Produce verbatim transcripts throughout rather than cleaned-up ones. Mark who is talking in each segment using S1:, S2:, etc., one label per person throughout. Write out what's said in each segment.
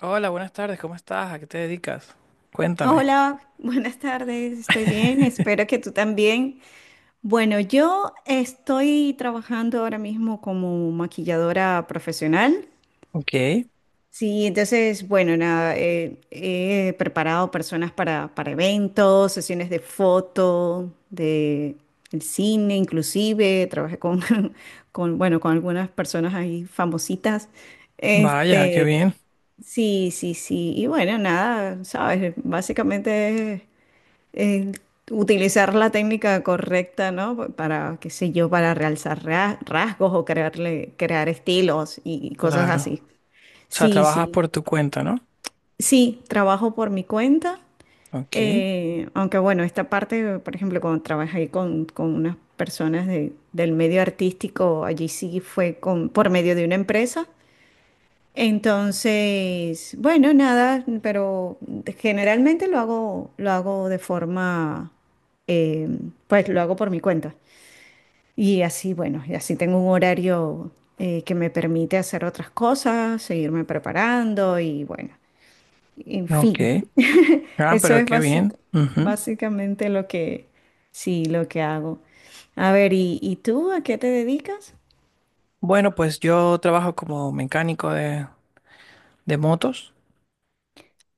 S1: Hola, buenas tardes, ¿cómo estás? ¿A qué te dedicas? Cuéntame.
S2: Hola, buenas tardes, estoy bien, espero que tú también. Bueno, yo estoy trabajando ahora mismo como maquilladora profesional.
S1: Ok,
S2: Sí, entonces, bueno, nada, eh, he preparado personas para, para eventos, sesiones de foto, de el cine, inclusive, trabajé con, con, bueno, con algunas personas ahí famositas.
S1: vaya, qué
S2: Este,
S1: bien,
S2: sí, sí, sí, y bueno, nada, sabes, básicamente eh, utilizar la técnica correcta, ¿no? Pa- Para, qué sé yo, para realzar ra- rasgos o crearle, crear estilos y cosas
S1: claro.
S2: así.
S1: O sea,
S2: Sí,
S1: trabajas
S2: sí.
S1: por tu cuenta, ¿no?
S2: Sí, trabajo por mi cuenta.
S1: Ok,
S2: Eh, aunque bueno, esta parte, por ejemplo, cuando trabajé con, con unas personas de- del medio artístico, allí sí fue con, por medio de una empresa. Entonces, bueno, nada, pero generalmente lo hago, lo hago de forma, eh, pues lo hago por mi cuenta. Y así, bueno, y así tengo un horario eh, que me permite hacer otras cosas, seguirme preparando y bueno, en fin,
S1: ok. Ah,
S2: eso
S1: pero
S2: es
S1: qué
S2: básic-
S1: bien. Ujú.
S2: básicamente lo que, sí, lo que hago. A ver, ¿y, y tú a qué te dedicas?
S1: Bueno, pues yo trabajo como mecánico de, de motos.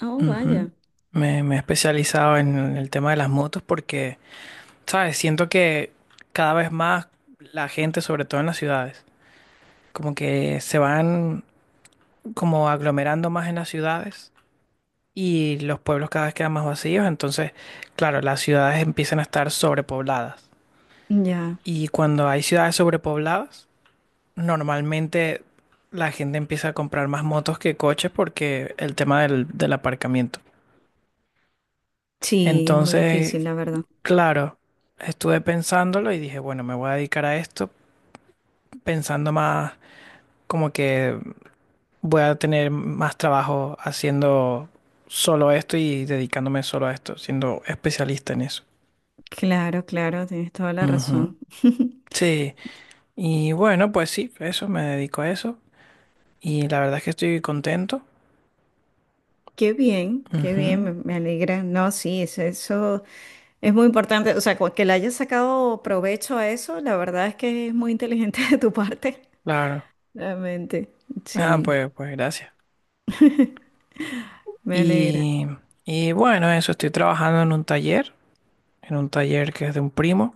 S2: Oh,
S1: Ujú.
S2: vaya.
S1: Me, me he especializado en el tema de las motos porque, ¿sabes? Siento que cada vez más la gente, sobre todo en las ciudades, como que se van como aglomerando más en las ciudades y los pueblos cada vez quedan más vacíos, entonces, claro, las ciudades empiezan a estar sobrepobladas.
S2: Ya,
S1: Y cuando hay ciudades sobrepobladas, normalmente la gente empieza a comprar más motos que coches porque el tema del, del aparcamiento.
S2: sí, es muy difícil,
S1: Entonces,
S2: la verdad.
S1: claro, estuve pensándolo y dije, bueno, me voy a dedicar a esto pensando más como que voy a tener más trabajo haciendo solo esto y dedicándome solo a esto, siendo especialista en eso.
S2: Claro, claro, tienes toda la
S1: Ujú.
S2: razón.
S1: Sí. Y bueno, pues sí, eso, me dedico a eso. Y la verdad es que estoy contento.
S2: Qué bien, qué bien, me,
S1: Ujú,
S2: me alegra. No, sí, es- eso, es muy importante. O sea, cu- que le hayas sacado provecho a eso, la verdad es que es muy inteligente de tu parte.
S1: claro.
S2: Realmente,
S1: Ah,
S2: sí,
S1: pues, pues gracias.
S2: me alegra.
S1: Y, y bueno, eso, estoy trabajando en un taller, en un taller que es de un primo.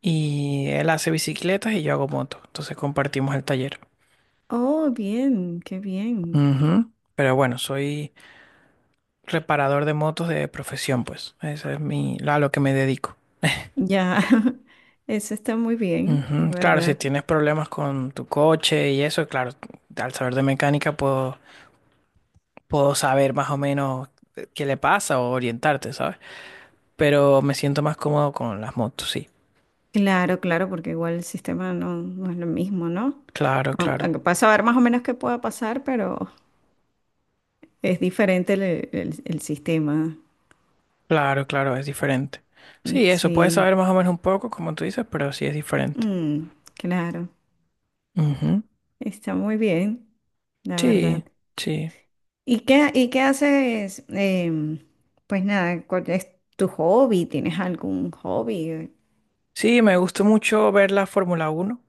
S1: Y él hace bicicletas y yo hago motos. Entonces compartimos el taller.
S2: Oh, bien, qué bien.
S1: Ujú. Pero bueno, soy reparador de motos de profesión, pues. Esa es mi, a lo que me dedico.
S2: Ya, eso está muy bien, la
S1: Ujú. Claro, si
S2: verdad.
S1: tienes problemas con tu coche y eso, claro, al saber de mecánica puedo puedo saber más o menos qué le pasa o orientarte, ¿sabes? Pero me siento más cómodo con las motos, sí.
S2: Claro, claro, porque igual el sistema no, no es lo mismo, ¿no?
S1: Claro,
S2: Aunque,
S1: claro,
S2: aunque puedas saber más o menos qué pueda pasar, pero es diferente el el- el sistema.
S1: claro, claro, es diferente.
S2: Mm,
S1: Sí, eso, puedes
S2: sí,
S1: saber más o menos un poco, como tú dices, pero sí es diferente.
S2: mm, claro,
S1: Ujú.
S2: está muy bien, la verdad.
S1: Sí, sí.
S2: ¿Y qué, y qué haces? Em, pues nada, ¿cuál es tu hobby? ¿Tienes algún hobby?
S1: Sí, me gusta mucho ver la Fórmula Uno.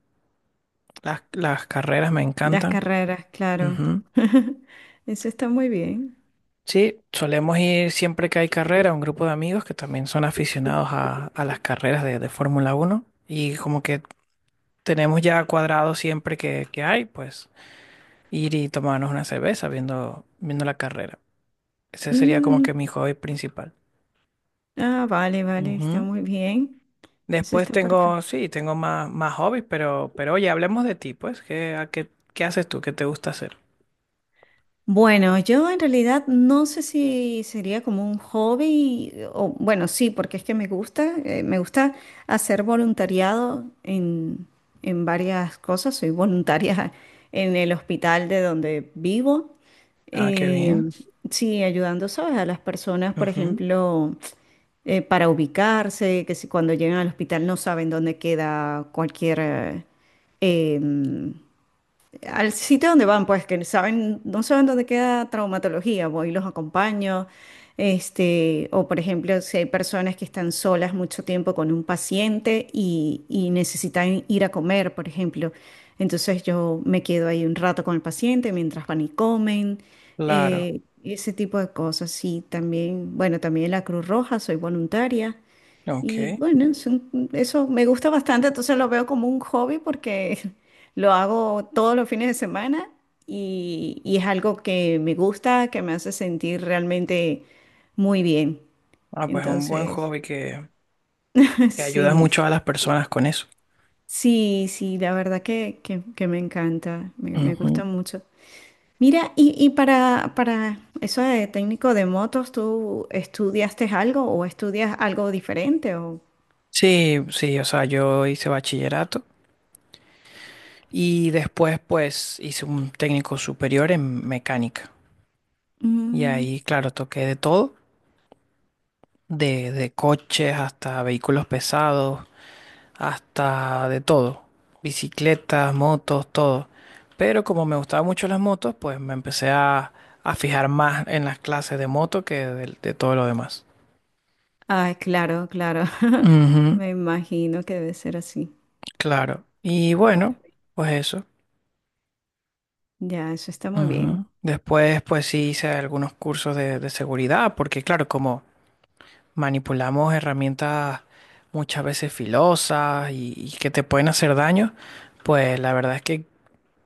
S1: Las, las carreras me
S2: Las
S1: encantan.
S2: carreras, claro.
S1: Ujú.
S2: Eso está muy bien.
S1: Sí, solemos ir siempre que hay carrera, un grupo de amigos que también son aficionados a, a las carreras de, de Fórmula Uno y como que tenemos ya cuadrado siempre que, que hay, pues ir y tomarnos una cerveza viendo, viendo la carrera. Ese sería como
S2: Mm,
S1: que mi hobby principal.
S2: ah, vale, vale, está
S1: Ujú.
S2: muy bien. Eso
S1: Después
S2: está
S1: tengo,
S2: perfecto.
S1: sí, tengo más, más hobbies, pero, pero oye, hablemos de ti, pues, ¿qué, a qué, qué haces tú? ¿Qué te gusta hacer?
S2: Bueno, yo en realidad no sé si sería como un hobby, eh, o bueno, sí, porque es que me gusta, eh, me gusta hacer voluntariado en, en varias cosas. Soy voluntaria en el hospital de donde vivo.
S1: Ah, qué
S2: eh,
S1: bien.
S2: sí, ayudando, ¿sabes? A las personas, por
S1: Ujú.
S2: ejemplo, eh, para ubicarse, que si cuando llegan al hospital no saben dónde queda cualquier... eh, em, al sitio donde van, pues que saben, no saben dónde queda traumatología, voy y los acompaño. Este, o por ejemplo, si hay personas que están solas mucho tiempo con un paciente y, y necesitan ir a comer, por ejemplo, entonces yo me quedo ahí un rato con el paciente mientras van y comen,
S1: Claro.
S2: eh, ese tipo de cosas. Sí también, bueno, también la Cruz Roja, soy voluntaria. Y
S1: Ok.
S2: bueno, es un- eso me gusta bastante, entonces lo veo como un hobby porque lo hago todos los fines de semana y, y es algo que me gusta, que me hace sentir realmente muy bien.
S1: Ah, pues un buen
S2: Entonces,
S1: hobby que, que ayudas
S2: sí,
S1: mucho a las personas con eso.
S2: sí, sí, la verdad que, que- que me encanta, me, me
S1: Ujú.
S2: gusta mucho. Mira, y, y para, para eso de técnico de motos, ¿tú estudiaste algo o estudias algo diferente? O...
S1: Sí, sí, o sea, yo hice bachillerato y después pues hice un técnico superior en mecánica. Y ahí, claro, toqué de todo, de, de coches hasta vehículos pesados, hasta de todo, bicicletas, motos, todo. Pero como me gustaban mucho las motos, pues me empecé a, a fijar más en las clases de moto que de, de todo lo demás.
S2: Ay, claro, claro.
S1: Ujú,
S2: Me imagino que debe ser así.
S1: Claro. Y
S2: Pues,
S1: bueno, pues eso.
S2: ya, eso está muy
S1: Ujú.
S2: bien.
S1: Después, pues sí hice algunos cursos de, de seguridad, porque claro, como manipulamos herramientas muchas veces filosas y, y que te pueden hacer daño, pues la verdad es que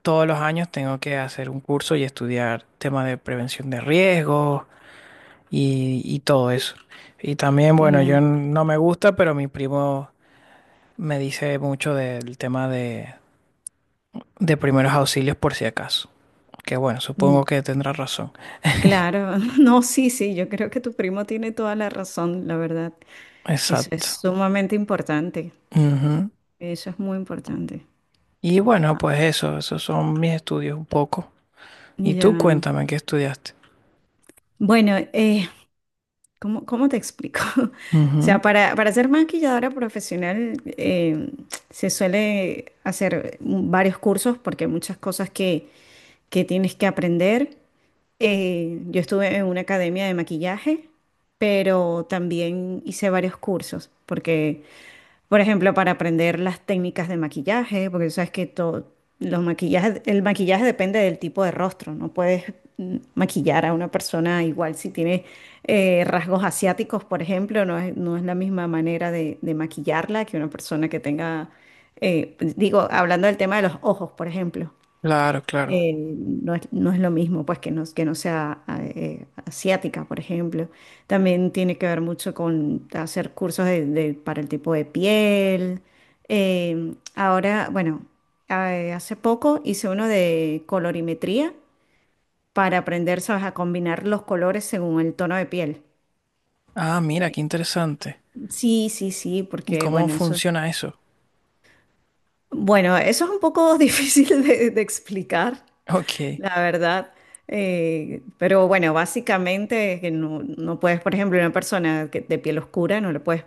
S1: todos los años tengo que hacer un curso y estudiar temas de prevención de riesgos y, y todo eso. Y también,
S2: En
S1: bueno, yo
S2: la-
S1: n- no me gusta, pero mi primo me dice mucho del tema de, de primeros auxilios por si acaso. Que bueno,
S2: Mm,
S1: supongo que tendrá razón.
S2: claro, no, sí, sí, yo creo que tu primo tiene toda la razón, la verdad. Eso es
S1: Exacto.
S2: sumamente importante.
S1: Ujú.
S2: Eso es muy importante.
S1: Y bueno, pues eso, esos son mis estudios un poco. Y
S2: Ya.
S1: tú cuéntame qué estudiaste.
S2: Bueno, eh, ¿cómo, cómo te explico? O sea,
S1: Ujú.
S2: para, para ser maquilladora profesional, eh, se suele hacer varios cursos porque hay muchas cosas que, que tienes que aprender. Eh, yo estuve en una academia de maquillaje, pero también hice varios cursos, porque, por ejemplo, para aprender las técnicas de maquillaje, porque tú sabes que todo, los maquillajes, el maquillaje depende del tipo de rostro, no puedes mm, maquillar a una persona igual si tiene eh, rasgos asiáticos, por ejemplo, no es, no es la misma manera de, de maquillarla que una persona que tenga, eh, digo, hablando del tema de los ojos, por ejemplo,
S1: Claro, claro.
S2: eh, no es, no es lo mismo, pues, que no, que no sea eh, asiática, por ejemplo. También tiene que ver mucho con hacer cursos de- de- para el tipo de piel. Eh, ahora, bueno, eh, hace poco hice uno de colorimetría para aprender, ¿sabes?, a combinar los colores según el tono de piel.
S1: Ah, mira, qué interesante.
S2: Sí, sí, sí,
S1: ¿Y
S2: porque,
S1: cómo
S2: bueno, eso...
S1: funciona eso?
S2: Bueno, eso es un poco difícil de, de explicar.
S1: Ok.
S2: La verdad, eh, pero bueno, básicamente que no, no puedes, por ejemplo, una persona que, de piel oscura, no le puedes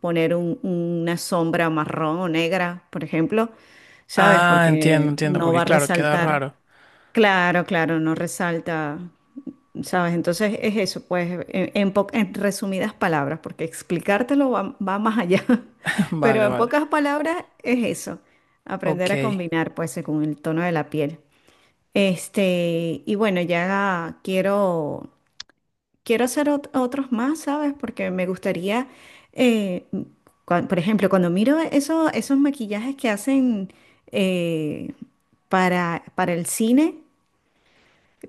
S2: poner un- una sombra marrón o negra, por ejemplo, ¿sabes?
S1: Ah, entiendo,
S2: Porque
S1: entiendo,
S2: no
S1: porque
S2: va a
S1: claro, queda
S2: resaltar.
S1: raro.
S2: Claro, claro, no resalta, ¿sabes? Entonces es eso, pues, en, en po- en resumidas palabras, porque explicártelo va, va más allá, pero
S1: Vale,
S2: en
S1: vale.
S2: pocas palabras es eso, aprender a
S1: Ok.
S2: combinar, pues, según el tono de la piel. Este, y bueno, ya quiero, quiero hacer ot- otros más, ¿sabes? Porque me gustaría, eh, cua- por ejemplo, cuando miro eso- esos maquillajes que hacen, eh, para, para el cine,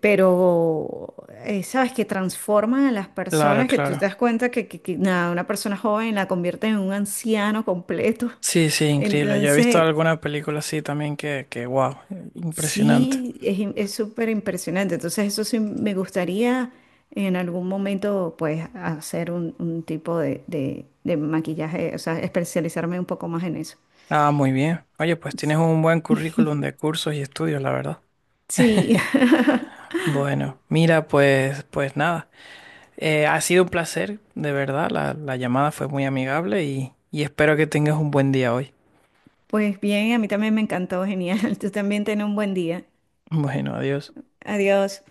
S2: pero, eh, ¿sabes? Que transforman a las
S1: Claro,
S2: personas, que tú te
S1: claro.
S2: das cuenta que, que que, nada, una persona joven la convierte en un anciano completo.
S1: Sí, sí, increíble. Yo he visto
S2: Entonces,
S1: alguna película así también que, que, wow, impresionante.
S2: sí, es, im- es súper impresionante. Entonces, eso sí me gustaría en algún momento, pues, hacer un, un tipo de, de- de maquillaje, o sea, especializarme un poco más en eso.
S1: Ah, muy bien. Oye, pues tienes un buen currículum de cursos y estudios, la verdad.
S2: Sí,
S1: Bueno, mira, pues, pues nada. Eh, ha sido un placer, de verdad. La, la llamada fue muy amigable y, y espero que tengas un buen día hoy.
S2: pues bien, a mí también me encantó, genial. Tú también ten un buen día.
S1: Bueno, adiós.
S2: Adiós.